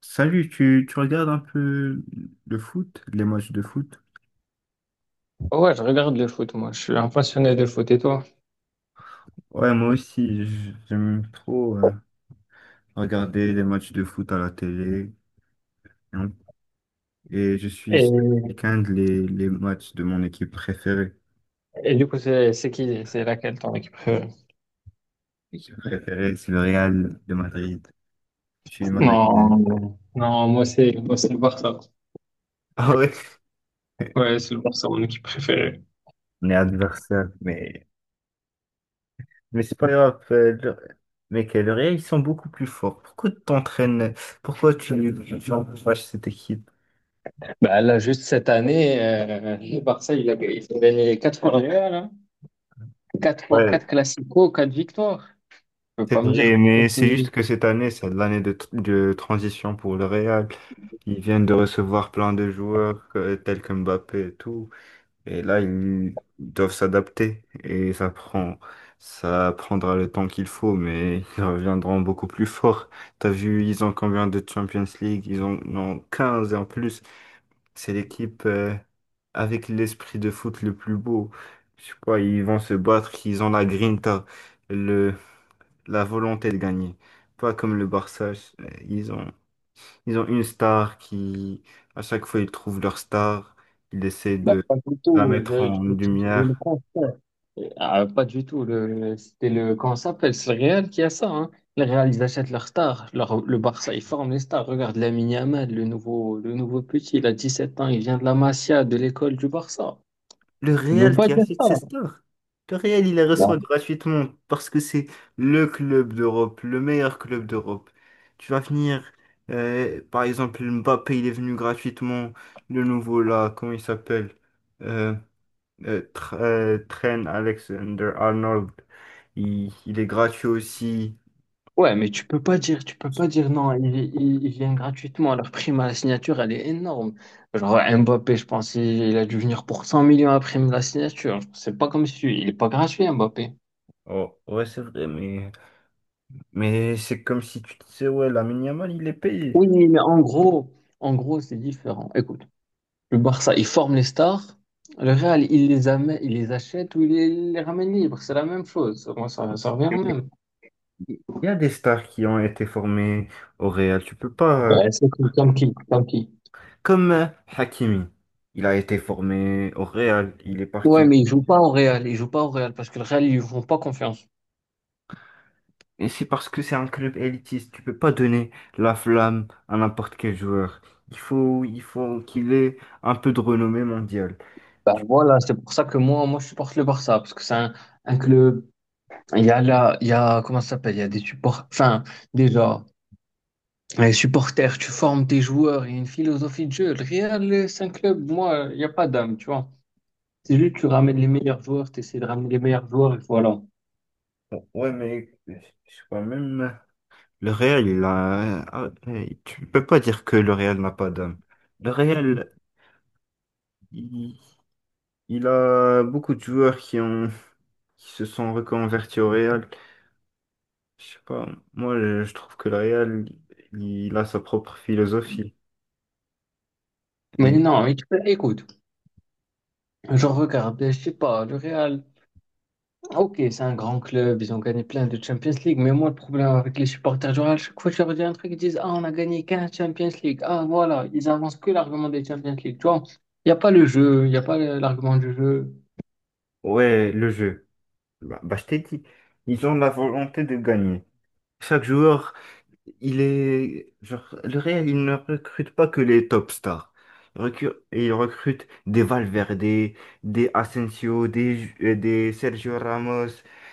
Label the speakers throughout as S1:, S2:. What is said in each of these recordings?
S1: Salut, tu regardes un peu le foot, les matchs de foot?
S2: Ouais, je regarde le foot, moi. Je suis un passionné de foot et toi?
S1: Ouais, moi aussi, j'aime trop regarder les matchs de foot à la télé, hein. Et je suis
S2: Et,
S1: ce week-end les matchs de mon équipe préférée.
S2: et du coup, c'est qui? C'est laquelle ton équipe préférée?
S1: L'équipe préférée, c'est le Real de Madrid. Je suis madrilène.
S2: Non, non. Moi, c'est le Barça.
S1: Ah ouais?
S2: Ouais, c'est le Barça, mon équipe préférée.
S1: On est adversaire, mais c'est pas grave. Mec, le Real, ils sont beaucoup plus forts. Pourquoi tu t'entraînes? Pourquoi tu encourages cette équipe?
S2: Bah, là, juste cette année, le Barça, il a gagné 4 fois le Real, hein. Quatre fois
S1: Ouais,
S2: quatre Classico, 4 victoires. Tu peux
S1: c'est
S2: pas me dire
S1: vrai,
S2: pourquoi
S1: mais
S2: tu...
S1: c'est juste que cette année, c'est l'année de transition pour le Real. Ils viennent de recevoir plein de joueurs tels que Mbappé et tout. Et là, ils doivent s'adapter. Et ça prendra le temps qu'il faut, mais ils reviendront beaucoup plus forts. T'as vu, ils ont combien de Champions League? Ils en ont 15 et en plus, c'est l'équipe avec l'esprit de foot le plus beau. Je sais pas, ils vont se battre, ils ont la grinta, la volonté de gagner. Pas comme le Barça, euh, ils ont, ils ont une star qui, à chaque fois, ils trouvent leur star, ils essaient
S2: Bah,
S1: de
S2: pas du
S1: la
S2: tout.
S1: mettre
S2: Je, je,
S1: en
S2: je, je, le
S1: lumière.
S2: prends. Ah, pas du tout. C'était le, comment ça s'appelle? C'est le Real qui a ça, hein. Le Real, ils achètent leurs stars. Le Barça, ils forment les stars. Regarde Lamine Yamal, le nouveau petit, il a 17 ans, il vient de la Masia, de l'école du Barça.
S1: Le
S2: Tu peux
S1: Real
S2: pas
S1: qui
S2: dire
S1: achète
S2: ça.
S1: ses stars. Le Real, il les
S2: Ouais,
S1: reçoit gratuitement parce que c'est le club d'Europe, le meilleur club d'Europe. Tu vas venir, par exemple, Mbappé, il est venu gratuitement. Le nouveau là, comment il s'appelle? euh, Trent Alexander-Arnold. Il est gratuit aussi.
S2: Ouais, mais tu peux pas dire, tu peux pas dire non, ils viennent gratuitement. Leur prime à la signature, elle est énorme. Genre Mbappé, je pense, il a dû venir pour 100 millions à prime de la signature. C'est pas comme si, il est pas gratuit, Mbappé.
S1: Oh ouais, c'est vrai, mais c'est comme si tu disais, ouais, Lamine Yamal, il est payé.
S2: Oui, mais en gros, c'est différent. Écoute. Le Barça, il forme les stars. Le Real, il les amène, il les achète ou il les ramène libres. C'est la même chose. Moi, ça revient au même.
S1: Il y a des stars qui ont été formées au Real. Tu peux pas.
S2: Ouais, c'est tout, comme qui, comme qui.
S1: Comme Hakimi. Il a été formé au Real. Il est parti.
S2: Ouais, mais ils jouent pas au Real, ils jouent pas au Real parce que le Real, ils lui font pas confiance.
S1: Et c'est parce que c'est un club élitiste. Tu peux pas donner la flamme à n'importe quel joueur. Il faut qu'il ait un peu de renommée mondiale.
S2: Bah, voilà, c'est pour ça que moi, je supporte le Barça parce que c'est un club. Il y a là, il y a, comment ça s'appelle? Il y a des supports, enfin, déjà, les supporters, tu formes tes joueurs, il y a une philosophie de jeu. Le Real, c'est un club, moi, il n'y a pas d'âme, tu vois. C'est juste, tu ramènes les meilleurs joueurs, tu essaies de ramener les meilleurs joueurs et voilà.
S1: Ouais, mais c'est quand même. Le réel, il a. Ah, hey, tu peux pas dire que le réel n'a pas d'âme. Le réel, il, il a beaucoup de joueurs qui se sont reconvertis au réel. Je sais pas. Moi, je trouve que le réel, il a sa propre philosophie.
S2: Mais
S1: Et
S2: non, mais écoute, je regarde, je sais pas, le Real, ok, c'est un grand club, ils ont gagné plein de Champions League, mais moi, le problème avec les supporters du Real, chaque fois que je leur dis un truc, ils disent, ah, on a gagné 15 Champions League, ah, voilà, ils avancent que l'argument des Champions League, tu vois, il n'y a pas le jeu, il n'y a pas l'argument du jeu.
S1: ouais, le jeu. Bah, bah, je t'ai dit, ils ont la volonté de gagner. Chaque joueur. Il est, genre, le Real, il ne recrute pas que les top stars. Il recrute des Valverde, des Asensio, des Sergio Ramos,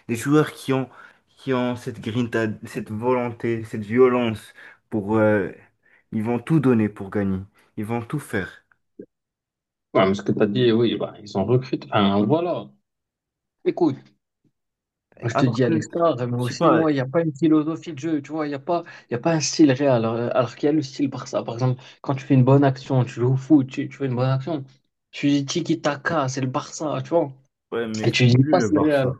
S1: des joueurs qui ont cette grinta, cette volonté, cette violence pour, ils vont tout donner pour gagner. Ils vont tout faire.
S2: Ouais, mais ce que tu as dit, oui, bah, ils ont recruté, enfin, voilà. Écoute, je te
S1: Alors
S2: dis,
S1: que, je
S2: Alistar, mais
S1: sais
S2: aussi,
S1: pas,
S2: moi, il n'y a pas une philosophie de jeu, tu vois, il n'y a pas, il y a pas un style réel, alors qu'il y a le style Barça. Par exemple, quand tu fais une bonne action, tu joues au foot, tu fais une bonne action, tu dis tiki-taka, c'est le Barça, tu vois,
S1: ouais, mais
S2: et
S1: c'est
S2: tu dis
S1: plus
S2: pas
S1: le
S2: c'est le
S1: Barça.
S2: Real.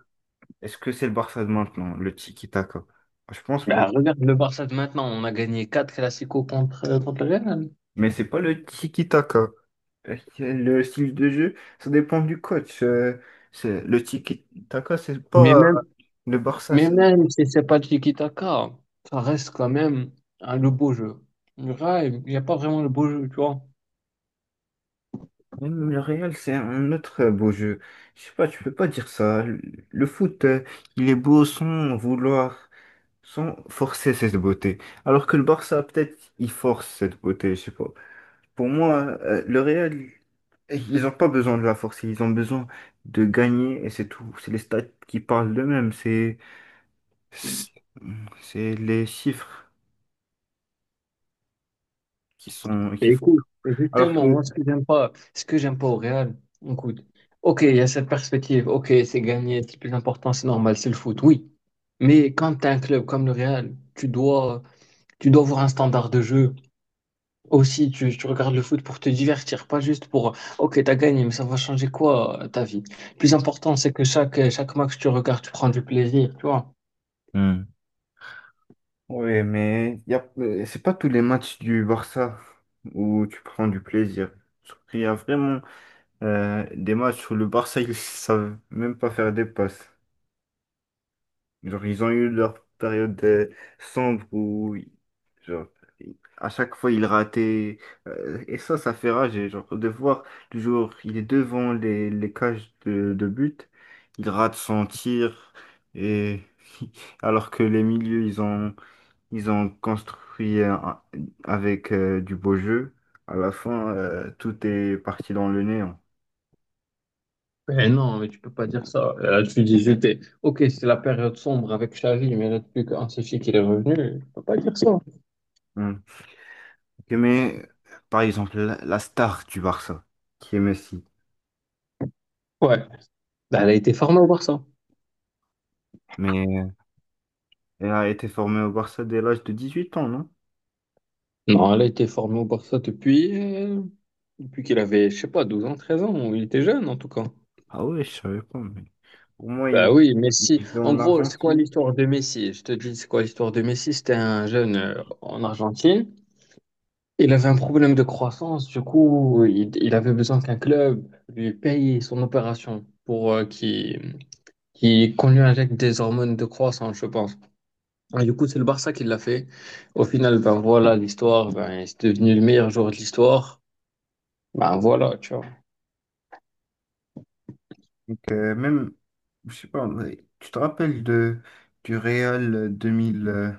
S1: Est-ce que c'est le Barça de maintenant, le tiki-taka? Je pense pas.
S2: Bah, regarde le Barça de maintenant, on a gagné 4 Clasico contre le Real.
S1: Mais c'est pas le tiki-taka. Le style de jeu, ça dépend du coach. Le tiki-taka, c'est
S2: Mais
S1: pas
S2: même,
S1: le Barça,
S2: mais
S1: c'est
S2: même si c'est pas tiki-taka, ça reste quand même, hein, le beau jeu. Le Real, il n'y a pas vraiment le beau jeu, tu vois.
S1: même le Real, c'est un autre beau jeu. Je sais pas, tu peux pas dire ça. Le foot, il est beau sans vouloir, sans forcer cette beauté. Alors que le Barça, peut-être, il force cette beauté, je sais pas. Pour moi, le Real, ils ont pas besoin de la forcer, ils ont besoin de gagner et c'est tout. C'est les stats qui parlent d'eux-mêmes, c'est les chiffres qui sont,
S2: Et
S1: qui font.
S2: écoute, et
S1: Alors
S2: justement, moi,
S1: que,
S2: ce que j'aime pas au Real, écoute, ok, il y a cette perspective, ok, c'est gagné, c'est le plus important, c'est normal, c'est le foot, oui. Mais quand tu as un club comme le Real, tu dois avoir un standard de jeu. Aussi, tu regardes le foot pour te divertir, pas juste pour, ok, t'as gagné, mais ça va changer quoi ta vie? Le plus important, c'est que chaque match que tu regardes, tu prends du plaisir, tu vois.
S1: hmm, ouais, mais y a, c'est pas tous les matchs du Barça où tu prends du plaisir. Il y a vraiment des matchs où le Barça, ils savent même pas faire des passes. Genre, ils ont eu leur période sombre où, oui, genre, à chaque fois, ils rataient. Et ça fait rage. Et genre, de voir, toujours, il est devant les cages de but, il rate son tir. Et alors que les milieux, ils ont construit avec du beau jeu, à la fin, tout est parti dans le néant.
S2: Eh non, mais tu peux pas dire ça. Là, tu dis, j'étais. Ok, c'est la période sombre avec Xavi, mais là, depuis qu'Ancelotti qu'il est revenu, tu peux pas dire ça.
S1: Hmm. Ok, mais, par exemple, la star du Barça, qui est Messi.
S2: Ouais. Ben, elle a été formée au Barça.
S1: Mais. Et a été formé au Barça dès l'âge de 18 ans, non?
S2: Non, elle a été formée au Barça depuis qu'il avait, je sais pas, 12 ans, 13 ans, ou il était jeune en tout cas.
S1: Ah ouais, je savais pas, mais pour moi,
S2: Bah oui,
S1: il
S2: Messi.
S1: vivait
S2: En
S1: en
S2: gros, c'est quoi
S1: Argentine.
S2: l'histoire de Messi? Je te dis, c'est quoi l'histoire de Messi? C'était un jeune en Argentine. Il avait un problème de croissance, du coup, il avait besoin qu'un club lui paye son opération pour qu'il qui est connu avec des hormones de croissance, je pense. Et du coup, c'est le Barça qui l'a fait. Au final, ben voilà, l'histoire, ben, c'est devenu le meilleur joueur de l'histoire. Ben voilà, tu vois.
S1: Donc, même, je sais pas, ouais, tu te rappelles du Real 2000,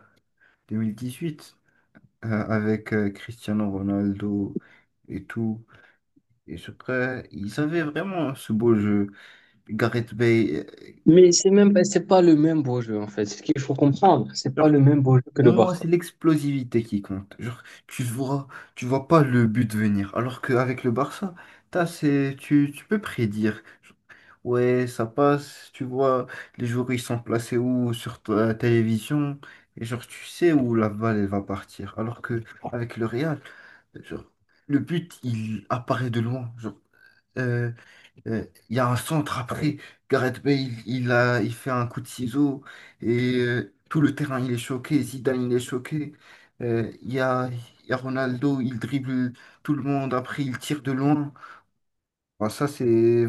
S1: 2018 avec Cristiano Ronaldo et tout. Et ce prêt, ils avaient vraiment ce beau jeu. Gareth Bale.
S2: Mais c'est pas le même beau jeu, en fait. C'est ce qu'il faut comprendre. C'est pas le même beau jeu que
S1: Pour
S2: le
S1: moi,
S2: Barça.
S1: c'est l'explosivité qui compte. Genre, tu vois pas le but venir. Alors qu'avec le Barça, t'as, c'est, tu peux prédire. Genre, ouais, ça passe, tu vois, les joueurs ils sont placés où sur ta télévision. Et genre, tu sais où la balle elle va partir. Alors que avec le Real, genre, le but il apparaît de loin. Genre, euh, euh, il y a un centre après. Gareth Bale, il fait un coup de ciseau et tout le terrain, il est choqué. Zidane, il est choqué. Euh, Il y a, il y a Ronaldo, il dribble tout le monde. Après, il tire de loin. Enfin, ça, c'est,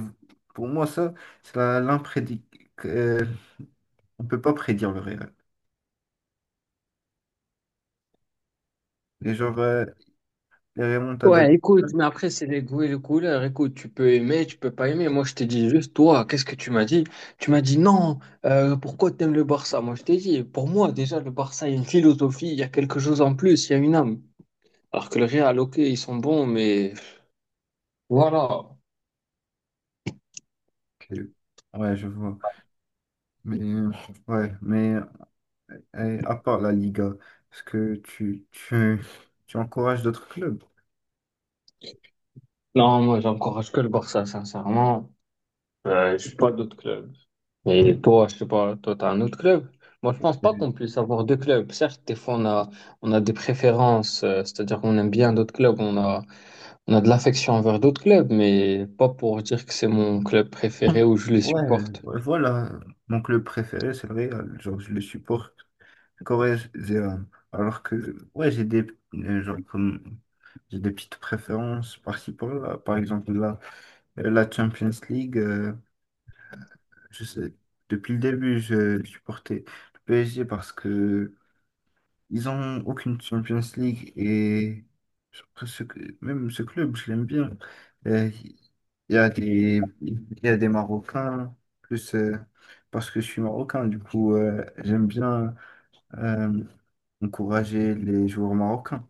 S1: pour moi, ça, c'est l'imprédic. euh, on peut pas prédire le réel. Et genre, les remontadas.
S2: Ouais, écoute, mais après, c'est les goûts et les couleurs. Écoute, tu peux aimer, tu peux pas aimer. Moi, je t'ai dit juste, toi, qu'est-ce que tu m'as dit? Tu m'as dit non, pourquoi t'aimes le Barça? Moi, je t'ai dit, pour moi, déjà, le Barça, il y a une philosophie, il y a quelque chose en plus, il y a une âme. Alors que le Real, ok, ils sont bons, mais voilà.
S1: Ok. Ouais, je vois. Mais, ouais, mais à part la Liga, est-ce que tu encourages d'autres clubs?
S2: Non, moi, j'encourage que le Barça, sincèrement. Je suis pas d'autres clubs. Et toi, je sais pas, toi, t'as un autre club? Moi, je pense pas
S1: Euh,
S2: qu'on puisse avoir deux clubs. Certes, des fois, on a, on a, des préférences, c'est-à-dire qu'on aime bien d'autres clubs, on a de l'affection envers d'autres clubs, mais pas pour dire que c'est mon club préféré ou je les
S1: Ouais,
S2: supporte.
S1: ouais, voilà. Donc le préféré, c'est le Real. Genre, je le supporte corrézien. Alors que, ouais, genre, comme, j'ai des petites préférences par-ci par-là. Par exemple, la Champions League, je sais, depuis le début, je supportais le PSG parce que ils ont aucune Champions League et après, même ce club, je l'aime bien. Euh, il y a des Marocains, plus parce que je suis Marocain, du coup, j'aime bien euh, encourager les joueurs marocains.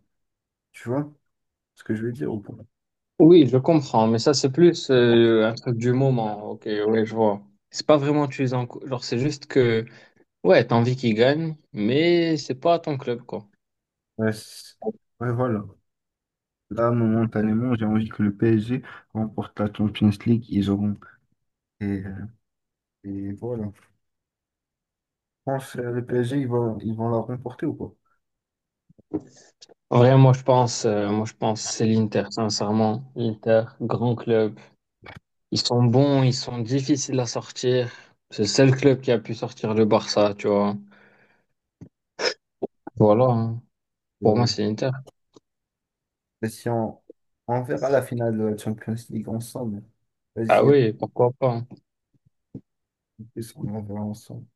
S1: Tu vois ce que je veux dire ou pas?
S2: Oui, je comprends, mais ça, c'est plus un truc du moment. Ok, oui, je vois. C'est pas vraiment tu les encourages, genre, c'est juste que Ouais, t'as envie qu'il gagne, mais c'est pas ton club, quoi.
S1: Ouais, ouais, voilà. Là, momentanément, j'ai envie que le PSG remporte la Champions League. Ils auront. Et, euh, et voilà. Je pense que le PSG, ils vont la remporter ou pas?
S2: En vrai, moi, je pense, c'est l'Inter, sincèrement. L'Inter, grand club. Ils sont bons, ils sont difficiles à sortir. C'est le seul club qui a pu sortir le Barça, tu vois. Voilà, hein. Pour moi,
S1: Ouais.
S2: c'est l'Inter.
S1: Mais si on verra la finale de la Champions League ensemble,
S2: Ah
S1: vas-y, à
S2: oui, pourquoi pas, hein.
S1: plus, on en verra ensemble.